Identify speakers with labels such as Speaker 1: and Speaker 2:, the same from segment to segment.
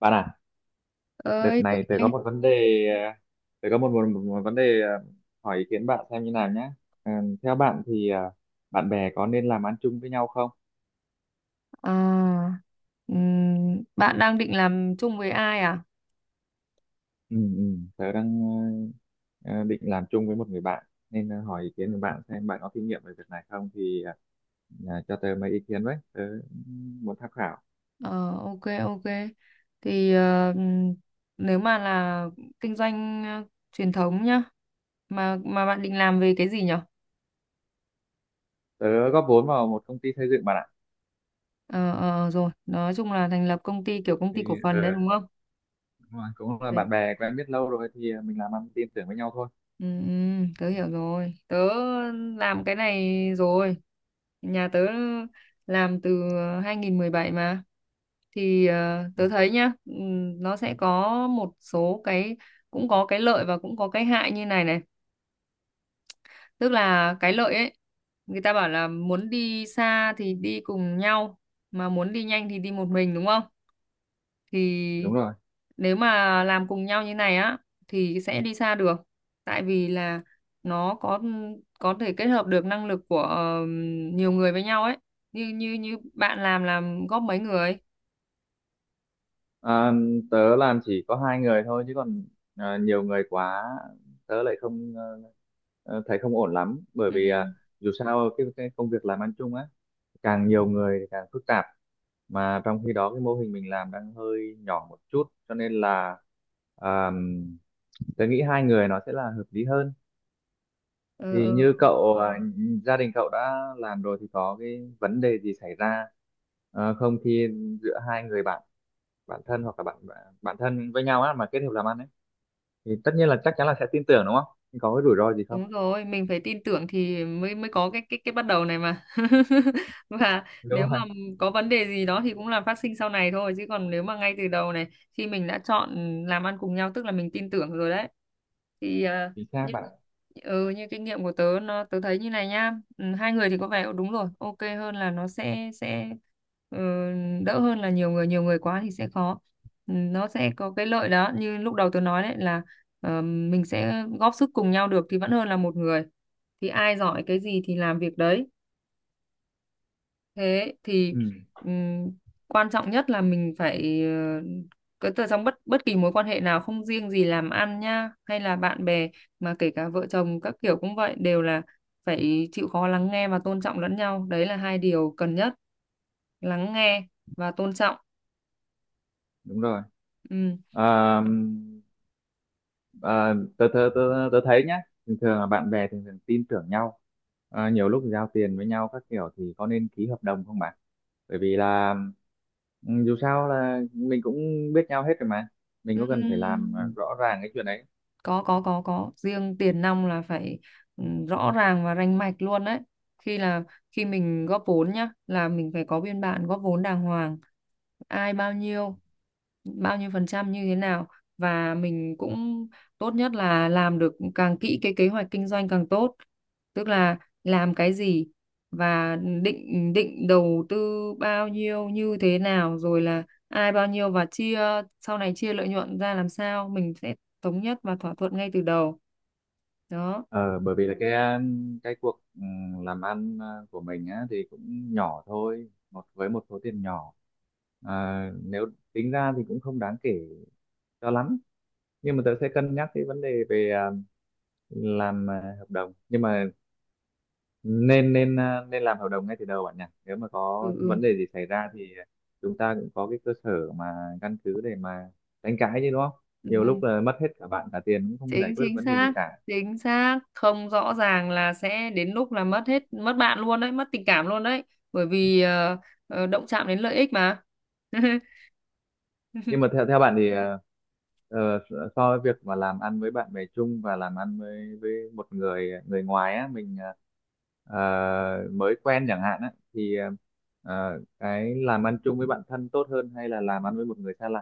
Speaker 1: Bạn à, đợt
Speaker 2: Ơi tưởng
Speaker 1: này tớ có
Speaker 2: nghe.
Speaker 1: một vấn đề, ờ, tớ có một vấn đề hỏi ý kiến bạn xem như nào nhé. Ờ, Theo bạn thì bạn bè có nên làm ăn chung với nhau không?
Speaker 2: À, bạn đang định làm chung với ai à?
Speaker 1: Ừ, ừ, Tớ đang ờ, định làm chung với một người bạn nên hỏi ý kiến của bạn xem bạn có kinh nghiệm về việc này không thì cho tớ mấy ý kiến với, tớ muốn tham khảo.
Speaker 2: ờ OK, OK, thì nếu mà là kinh doanh, truyền thống nhá, mà bạn định làm về cái gì nhở?
Speaker 1: Tớ góp vốn vào một công ty xây dựng bạn ạ.
Speaker 2: Ờ, Rồi nói chung là thành lập công ty kiểu công
Speaker 1: Thì
Speaker 2: ty cổ phần
Speaker 1: ờ,
Speaker 2: đấy, đúng không?
Speaker 1: đúng rồi, cũng là bạn bè quen biết lâu rồi thì mình làm ăn tin tưởng với nhau thôi.
Speaker 2: Ừ, ừ, tớ hiểu rồi. Tớ làm cái này rồi. Nhà tớ làm từ 2017 mà. Thì
Speaker 1: Ừ,
Speaker 2: tớ thấy nhá, nó sẽ có một số cái, cũng có cái lợi và cũng có cái hại như này này. Tức là cái lợi ấy, người ta bảo là muốn đi xa thì đi cùng nhau, mà muốn đi nhanh thì đi một mình, đúng không? Thì
Speaker 1: đúng rồi.
Speaker 2: nếu mà làm cùng nhau như này á thì sẽ đi xa được, tại vì là nó có thể kết hợp được năng lực của nhiều người với nhau ấy, như như như bạn làm góp mấy người.
Speaker 1: À, tớ làm chỉ có hai người thôi chứ còn à, nhiều người quá tớ lại không thấy không ổn lắm bởi
Speaker 2: Ừ.
Speaker 1: vì à, dù sao cái công việc làm ăn chung á càng nhiều người thì càng phức tạp mà trong khi đó cái mô hình mình làm đang hơi nhỏ một chút cho nên là à, tớ nghĩ hai người nó sẽ là hợp lý hơn
Speaker 2: Ừ.
Speaker 1: thì như cậu
Speaker 2: Ừ.
Speaker 1: à, gia đình cậu đã làm rồi thì có cái vấn đề gì xảy ra không khi giữa hai người bạn bạn thân hoặc là bạn bạn thân với nhau á mà kết hợp làm ăn ấy thì tất nhiên là chắc chắn là sẽ tin tưởng đúng không? Nhưng có cái rủi ro gì không?
Speaker 2: Đúng rồi, mình phải tin tưởng thì mới mới có cái bắt đầu này mà. Và nếu
Speaker 1: Đúng
Speaker 2: mà
Speaker 1: rồi.
Speaker 2: có vấn đề gì đó thì cũng là phát sinh sau này thôi, chứ còn nếu mà ngay từ đầu này, khi mình đã chọn làm ăn cùng nhau tức là mình tin tưởng rồi đấy. Thì
Speaker 1: Chính xác
Speaker 2: như
Speaker 1: bạn ạ.
Speaker 2: như kinh nghiệm của tớ, nó tớ thấy như này nhá. Ừ, hai người thì có vẻ đúng rồi, OK hơn, là nó sẽ ừ, đỡ hơn là nhiều người quá thì sẽ khó. Ừ, nó sẽ có cái lợi đó như lúc đầu tớ nói đấy là mình sẽ góp sức cùng nhau được thì vẫn hơn là một người, thì ai giỏi cái gì thì làm việc đấy. Thế thì
Speaker 1: Ừ,
Speaker 2: ừm, quan trọng nhất là mình phải cái từ trong bất bất kỳ mối quan hệ nào, không riêng gì làm ăn nhá hay là bạn bè, mà kể cả vợ chồng các kiểu cũng vậy, đều là phải chịu khó lắng nghe và tôn trọng lẫn nhau, đấy là hai điều cần nhất: lắng nghe và tôn trọng.
Speaker 1: đúng rồi.
Speaker 2: Ừm.
Speaker 1: À, à, tớ, tớ, tớ, tớ thấy nhá, thường thường là bạn bè thường thường tin tưởng nhau. À, nhiều lúc giao tiền với nhau các kiểu thì có nên ký hợp đồng không bạn? Bởi vì là ừ, dù sao là mình cũng biết nhau hết rồi mà. Mình có cần phải làm à,
Speaker 2: Ừm,
Speaker 1: rõ ràng cái chuyện đấy.
Speaker 2: có riêng tiền nong là phải rõ ràng và rành mạch luôn đấy, khi là khi mình góp vốn nhá, là mình phải có biên bản góp vốn đàng hoàng, ai bao nhiêu, bao nhiêu phần trăm như thế nào, và mình cũng tốt nhất là làm được càng kỹ cái kế hoạch kinh doanh càng tốt, tức là làm cái gì, và định định đầu tư bao nhiêu như thế nào, rồi là ai bao nhiêu, và chia sau này chia lợi nhuận ra làm sao, mình sẽ thống nhất và thỏa thuận ngay từ đầu đó.
Speaker 1: Ờ, Bởi vì là cái cuộc làm ăn của mình á, thì cũng nhỏ thôi một với một số tiền nhỏ à, nếu tính ra thì cũng không đáng kể cho lắm nhưng mà tớ sẽ cân nhắc cái vấn đề về à, làm à, hợp đồng nhưng mà nên nên à, nên làm hợp đồng ngay từ đầu bạn nhỉ. Nếu mà có
Speaker 2: Ừ, ừ.
Speaker 1: vấn đề gì xảy ra thì chúng ta cũng có cái cơ sở mà căn cứ để mà đánh cãi chứ, đúng không?
Speaker 2: Ừ,
Speaker 1: Nhiều lúc là mất hết cả bạn cả tiền cũng không giải
Speaker 2: chính
Speaker 1: quyết được
Speaker 2: chính
Speaker 1: vấn đề gì
Speaker 2: xác,
Speaker 1: cả.
Speaker 2: chính xác, không rõ ràng là sẽ đến lúc là mất hết, mất bạn luôn đấy, mất tình cảm luôn đấy, bởi vì động chạm đến lợi ích mà.
Speaker 1: Nhưng mà theo theo bạn thì ờ, so với việc mà làm ăn với bạn bè chung và làm ăn với một người người ngoài á, mình ờ, mới quen chẳng hạn á, thì cái làm ăn chung với bạn thân tốt hơn hay là làm ăn với một người xa lạ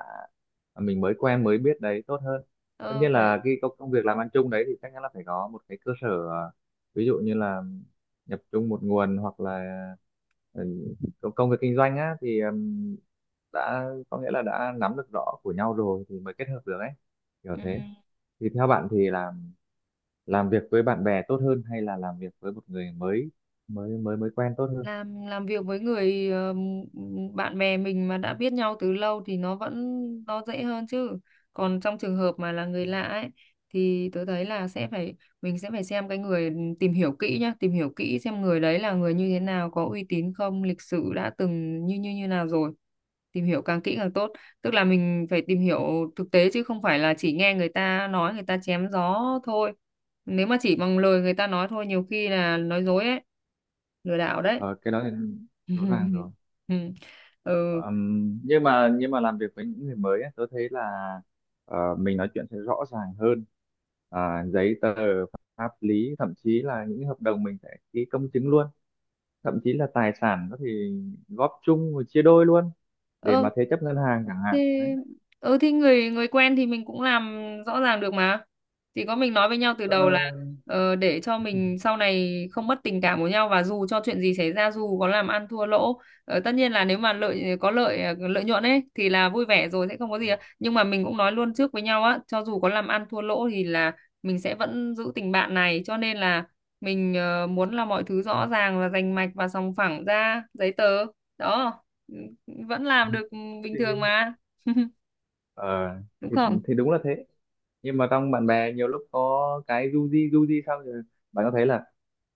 Speaker 1: mà mình mới quen mới biết đấy tốt hơn? Tất
Speaker 2: Ờ,
Speaker 1: nhiên
Speaker 2: Phải.
Speaker 1: là cái công công việc làm ăn chung đấy thì chắc chắn là phải có một cái cơ sở ví dụ như là nhập chung một nguồn hoặc là ừ, công công việc kinh doanh á thì đã có nghĩa là đã nắm được rõ của nhau rồi thì mới kết hợp được ấy, kiểu
Speaker 2: Ừ.
Speaker 1: thế. Thì theo bạn thì làm việc với bạn bè tốt hơn hay là làm việc với một người mới, mới quen tốt hơn?
Speaker 2: Làm việc với người bạn bè mình mà đã biết nhau từ lâu thì nó vẫn, nó dễ hơn chứ. Còn trong trường hợp mà là người lạ ấy thì tớ thấy là sẽ phải mình sẽ phải xem cái người, tìm hiểu kỹ nhá, tìm hiểu kỹ xem người đấy là người như thế nào, có uy tín không, lịch sử đã từng như như như nào rồi, tìm hiểu càng kỹ càng tốt, tức là mình phải tìm hiểu thực tế chứ không phải là chỉ nghe người ta nói, người ta chém gió thôi, nếu mà chỉ bằng lời người ta nói thôi nhiều khi là nói dối ấy, lừa đảo đấy.
Speaker 1: Ờ, cái đó thì rõ ràng rồi.
Speaker 2: Ừ.
Speaker 1: Nhưng mà làm việc với những người mới ấy, tôi thấy là mình nói chuyện sẽ rõ ràng hơn. À, giấy tờ pháp lý, thậm chí là những hợp đồng mình sẽ ký công chứng luôn, thậm chí là tài sản có thể góp chung rồi chia đôi luôn để
Speaker 2: ờ
Speaker 1: mà thế chấp ngân hàng chẳng
Speaker 2: thì
Speaker 1: hạn đấy.
Speaker 2: ừ thì Người người quen thì mình cũng làm rõ ràng được mà, chỉ có mình nói với nhau từ
Speaker 1: Ờ,
Speaker 2: đầu là để cho mình sau này không mất tình cảm của nhau, và dù cho chuyện gì xảy ra, dù có làm ăn thua lỗ. Tất nhiên là nếu mà có lợi, lợi nhuận ấy thì là vui vẻ rồi, sẽ không có gì ạ. Nhưng mà mình cũng nói luôn trước với nhau á, cho dù có làm ăn thua lỗ thì là mình sẽ vẫn giữ tình bạn này, cho nên là mình muốn là mọi thứ rõ ràng và rành mạch và sòng phẳng ra giấy tờ đó, vẫn làm được bình
Speaker 1: thì
Speaker 2: thường mà.
Speaker 1: ờ
Speaker 2: Đúng
Speaker 1: thì
Speaker 2: không?
Speaker 1: thì đúng là thế, nhưng mà trong bạn bè nhiều lúc có cái du di sao rồi. Bạn có thấy là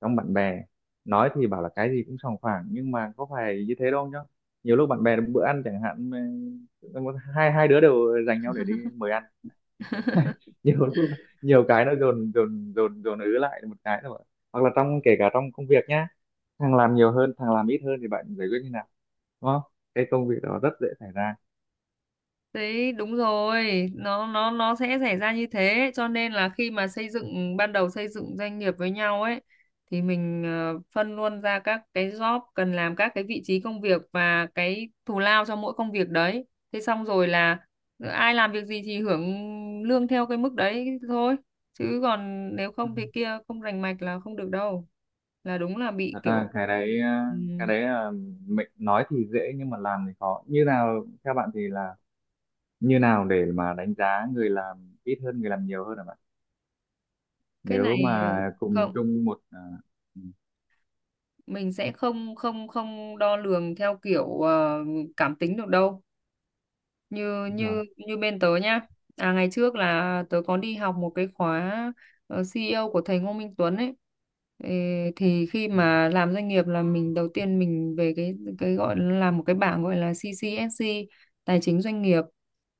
Speaker 1: trong bạn bè, nói thì bảo là cái gì cũng sòng phẳng nhưng mà có phải như thế đâu nhá. Nhiều lúc bạn bè bữa ăn chẳng hạn mà hai hai đứa đều dành nhau để đi mời ăn nhiều lúc nhiều cái nó dồn dồn dồn dồn ứ lại một cái thôi, hoặc là trong, kể cả trong công việc nhá, thằng làm nhiều hơn thằng làm ít hơn thì bạn giải quyết như nào, đúng không? Cái công việc đó rất dễ xảy ra.
Speaker 2: Đấy đúng rồi, nó sẽ xảy ra như thế, cho nên là khi mà xây dựng ban đầu xây dựng doanh nghiệp với nhau ấy, thì mình phân luôn ra các cái job cần làm, các cái vị trí công việc và cái thù lao cho mỗi công việc đấy, thế xong rồi là ai làm việc gì thì hưởng lương theo cái mức đấy thôi, chứ còn nếu không thì kia không rành mạch là không được đâu, là đúng là bị
Speaker 1: Thật
Speaker 2: kiểu.
Speaker 1: ra cái đấy ờ,
Speaker 2: Ừ,
Speaker 1: cái đấy là mình nói thì dễ nhưng mà làm thì khó. Như nào theo bạn thì là như nào để mà đánh giá người làm ít hơn người làm nhiều hơn hả bạn,
Speaker 2: cái
Speaker 1: nếu
Speaker 2: này
Speaker 1: mà cùng
Speaker 2: không,
Speaker 1: chung một à, ừ,
Speaker 2: mình sẽ không không không đo lường theo kiểu cảm tính được đâu, như
Speaker 1: đúng rồi.
Speaker 2: như như bên tớ nhá. Ngày trước là tớ có đi học một cái khóa CEO của thầy Ngô Minh Tuấn ấy. Ê, thì khi mà làm doanh nghiệp là mình đầu tiên mình về cái gọi là làm một cái bảng gọi là CCSC tài chính doanh nghiệp,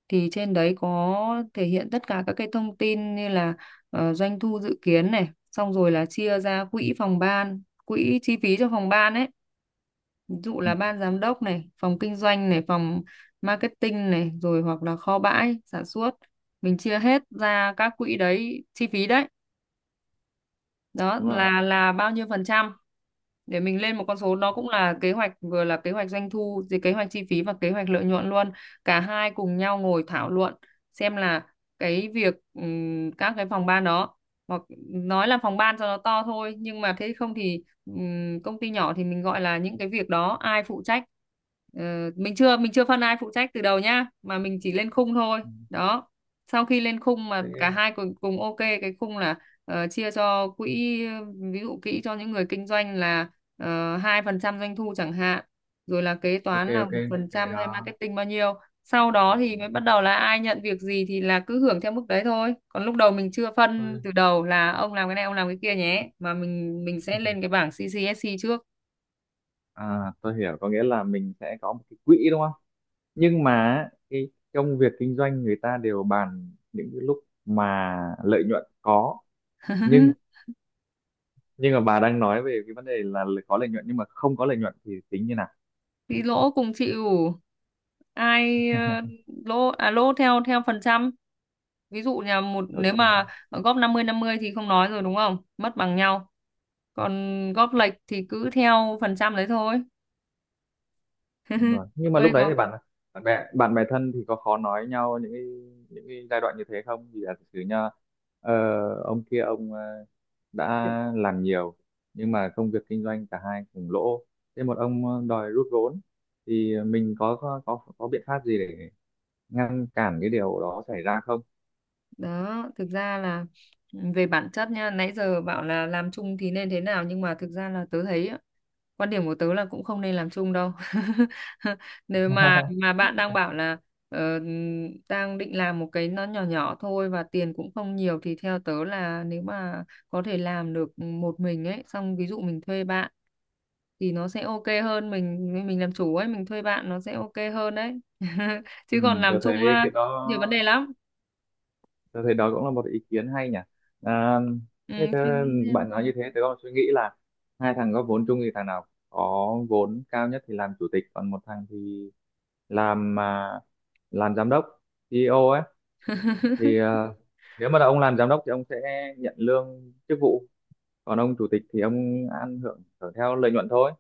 Speaker 2: thì trên đấy có thể hiện tất cả các cái thông tin như là doanh thu dự kiến này, xong rồi là chia ra quỹ phòng ban, quỹ chi phí cho phòng ban ấy, ví dụ
Speaker 1: Ừ,
Speaker 2: là ban giám đốc này, phòng kinh doanh này, phòng marketing này, rồi hoặc là kho bãi sản xuất. Mình chia hết ra các quỹ đấy, chi phí đấy, đó
Speaker 1: đúng rồi.
Speaker 2: là bao nhiêu phần trăm, để mình lên một con số, nó cũng là kế hoạch, vừa là kế hoạch doanh thu, thì kế hoạch chi phí và kế hoạch lợi nhuận luôn. Cả hai cùng nhau ngồi thảo luận xem là cái việc các cái phòng ban đó, hoặc nói là phòng ban cho nó to thôi nhưng mà thế không thì công ty nhỏ thì mình gọi là những cái việc đó ai phụ trách. Ờ, mình chưa phân ai phụ trách từ đầu nhá, mà mình chỉ lên khung thôi
Speaker 1: Ừ,
Speaker 2: đó, sau khi lên khung mà cả
Speaker 1: sẽ
Speaker 2: hai cùng cùng OK cái khung, là chia cho quỹ, ví dụ quỹ cho những người kinh doanh là 2% doanh thu chẳng hạn, rồi là kế
Speaker 1: ok.
Speaker 2: toán là
Speaker 1: Ok
Speaker 2: một phần
Speaker 1: cái
Speaker 2: trăm hay
Speaker 1: đó.
Speaker 2: marketing bao nhiêu, sau đó
Speaker 1: Ừ,
Speaker 2: thì mới bắt đầu là ai nhận việc gì thì là cứ hưởng theo mức đấy thôi, còn lúc đầu mình chưa phân
Speaker 1: tôi
Speaker 2: từ đầu là ông làm cái này ông làm cái kia nhé, mà mình sẽ lên cái bảng CCSC trước.
Speaker 1: à, tôi hiểu, có nghĩa là mình sẽ có một cái quỹ đúng không. Nhưng mà cái công việc kinh doanh người ta đều bàn những cái lúc mà lợi nhuận có, nhưng nhưng mà bà đang nói về cái vấn đề là có lợi nhuận, nhưng mà không có lợi nhuận thì tính như nào?
Speaker 2: Thì lỗ cùng chịu. Ai lỗ à, lỗ theo theo phần trăm. Ví dụ nhà một,
Speaker 1: Đó
Speaker 2: nếu
Speaker 1: theo bạn,
Speaker 2: mà góp năm mươi thì không nói rồi đúng không? Mất bằng nhau. Còn góp lệch thì cứ theo phần trăm đấy thôi.
Speaker 1: đúng rồi, nhưng mà
Speaker 2: Ơi
Speaker 1: lúc đấy
Speaker 2: có.
Speaker 1: thì bạn bạn bè thân thì có khó nói nhau những cái, những cái giai đoạn như thế không, vì là thực sự nha, ờ, ông kia ông đã làm nhiều nhưng mà công việc kinh doanh cả hai cùng lỗ, thế một ông đòi rút vốn thì mình có biện pháp gì để ngăn cản cái điều đó xảy ra không?
Speaker 2: Đó thực ra là về bản chất nha, nãy giờ bảo là làm chung thì nên thế nào, nhưng mà thực ra là tớ thấy á, quan điểm của tớ là cũng không nên làm chung đâu. Nếu mà bạn đang bảo là ờ, đang định làm một cái nó nhỏ nhỏ thôi và tiền cũng không nhiều, thì theo tớ là nếu mà có thể làm được một mình ấy, xong ví dụ mình thuê bạn thì nó sẽ OK hơn, mình làm chủ ấy, mình thuê bạn nó sẽ OK hơn đấy.
Speaker 1: Ừ,
Speaker 2: Chứ còn làm
Speaker 1: tôi
Speaker 2: chung
Speaker 1: thấy
Speaker 2: á,
Speaker 1: cái đó,
Speaker 2: nhiều vấn đề lắm.
Speaker 1: tôi thấy đó cũng là một ý kiến hay nhỉ. À,
Speaker 2: Ừ,
Speaker 1: thế thế
Speaker 2: suy nghĩ xem.
Speaker 1: bạn nói như thế, tôi còn suy nghĩ là hai thằng góp vốn chung thì thằng nào có vốn cao nhất thì làm chủ tịch, còn một thằng thì làm à, làm giám đốc, CEO ấy. Thì à, nếu mà là ông làm giám đốc thì ông sẽ nhận lương chức vụ, còn ông chủ tịch thì ông ăn hưởng hưởng theo lợi nhuận thôi,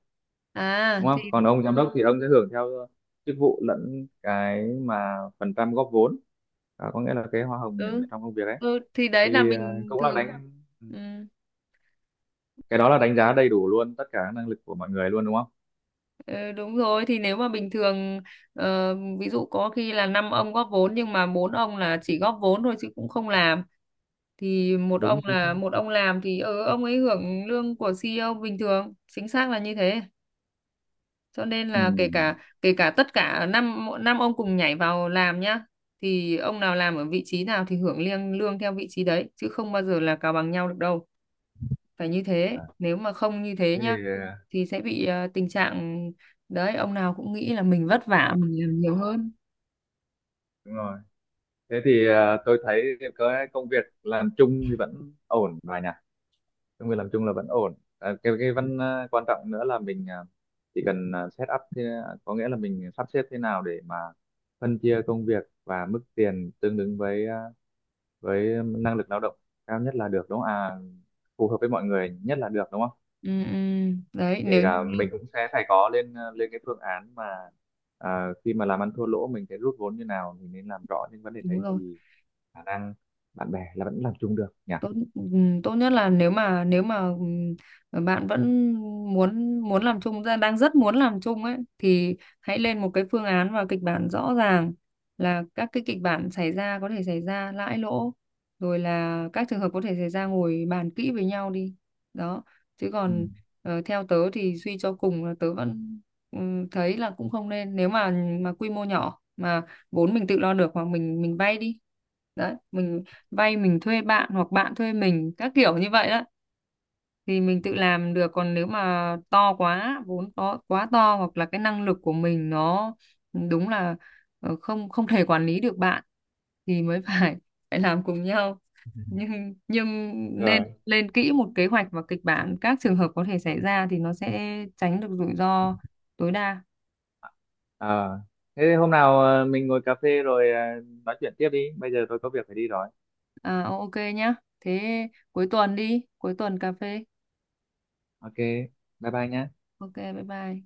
Speaker 2: à
Speaker 1: đúng không?
Speaker 2: thì
Speaker 1: Còn ông giám đốc thì ông sẽ hưởng theo chức vụ lẫn cái mà phần trăm góp vốn, à, có nghĩa là cái hoa hồng nhận
Speaker 2: ừ,
Speaker 1: được trong công việc ấy.
Speaker 2: ừ thì đấy là
Speaker 1: Thì
Speaker 2: bình
Speaker 1: cũng là
Speaker 2: thường.
Speaker 1: đánh, ừ,
Speaker 2: Ừ,
Speaker 1: cái đó là đánh giá đầy đủ luôn tất cả các năng lực của mọi người luôn đúng không?
Speaker 2: ừ, đúng rồi, thì nếu mà bình thường, ví dụ có khi là năm ông góp vốn nhưng mà bốn ông là chỉ góp vốn thôi chứ cũng không làm, thì
Speaker 1: Đúng, chính xác.
Speaker 2: một ông làm thì ông ấy hưởng lương của CEO bình thường, chính xác là như thế. Cho nên
Speaker 1: Ừ,
Speaker 2: là kể cả tất cả năm năm ông cùng nhảy vào làm nhá, thì ông nào làm ở vị trí nào thì hưởng lương theo vị trí đấy, chứ không bao giờ là cào bằng nhau được đâu, phải như thế,
Speaker 1: à,
Speaker 2: nếu mà không như thế
Speaker 1: thế
Speaker 2: nhá
Speaker 1: thì
Speaker 2: thì sẽ bị tình trạng đấy, ông nào cũng nghĩ là mình vất vả, mình làm nhiều hơn.
Speaker 1: đúng rồi, thế thì tôi thấy cái công việc làm chung thì vẫn ổn rồi nhỉ. Công việc làm chung là vẫn ổn à, cái ừ, vẫn quan trọng nữa là mình chỉ cần set up thế, có nghĩa là mình sắp xếp thế nào để mà phân chia công việc và mức tiền tương ứng với với năng lực lao động cao nhất là được đúng không, à, phù hợp với mọi người nhất là được đúng không.
Speaker 2: Ừ, ừ. Đấy
Speaker 1: Kể cả mình cũng sẽ phải có lên lên cái phương án mà à, khi mà làm ăn thua lỗ mình sẽ rút vốn như nào, mình nên làm rõ những vấn đề
Speaker 2: đúng
Speaker 1: đấy
Speaker 2: rồi.
Speaker 1: thì khả năng bạn bè là vẫn làm chung được nhỉ.
Speaker 2: Tốt, tốt nhất là nếu mà bạn vẫn muốn muốn làm chung, đang rất muốn làm chung ấy, thì hãy lên một cái phương án và kịch bản rõ ràng, là các cái kịch bản xảy ra có thể xảy ra lãi lỗ, rồi là các trường hợp có thể xảy ra, ngồi bàn kỹ với nhau đi đó. Chứ
Speaker 1: Ừ,
Speaker 2: còn theo tớ thì suy cho cùng là tớ vẫn thấy là cũng không nên, nếu mà quy mô nhỏ mà vốn mình tự lo được, hoặc mình vay đi đấy, mình vay mình thuê bạn hoặc bạn thuê mình các kiểu như vậy đó, thì mình tự làm được. Còn nếu mà to quá, vốn to hoặc là cái năng lực của mình nó đúng là không không thể quản lý được bạn, thì mới phải phải làm cùng nhau, nhưng
Speaker 1: đúng
Speaker 2: nên
Speaker 1: rồi.
Speaker 2: lên kỹ một kế hoạch và kịch bản các trường hợp có thể xảy ra thì nó sẽ tránh được rủi ro tối đa.
Speaker 1: Ờ, thế thì hôm nào mình ngồi cà phê rồi nói chuyện tiếp đi, bây giờ tôi có việc phải đi rồi.
Speaker 2: OK nhá, thế cuối tuần đi, cuối tuần cà phê.
Speaker 1: Ok bye bye nhé.
Speaker 2: OK, bye bye.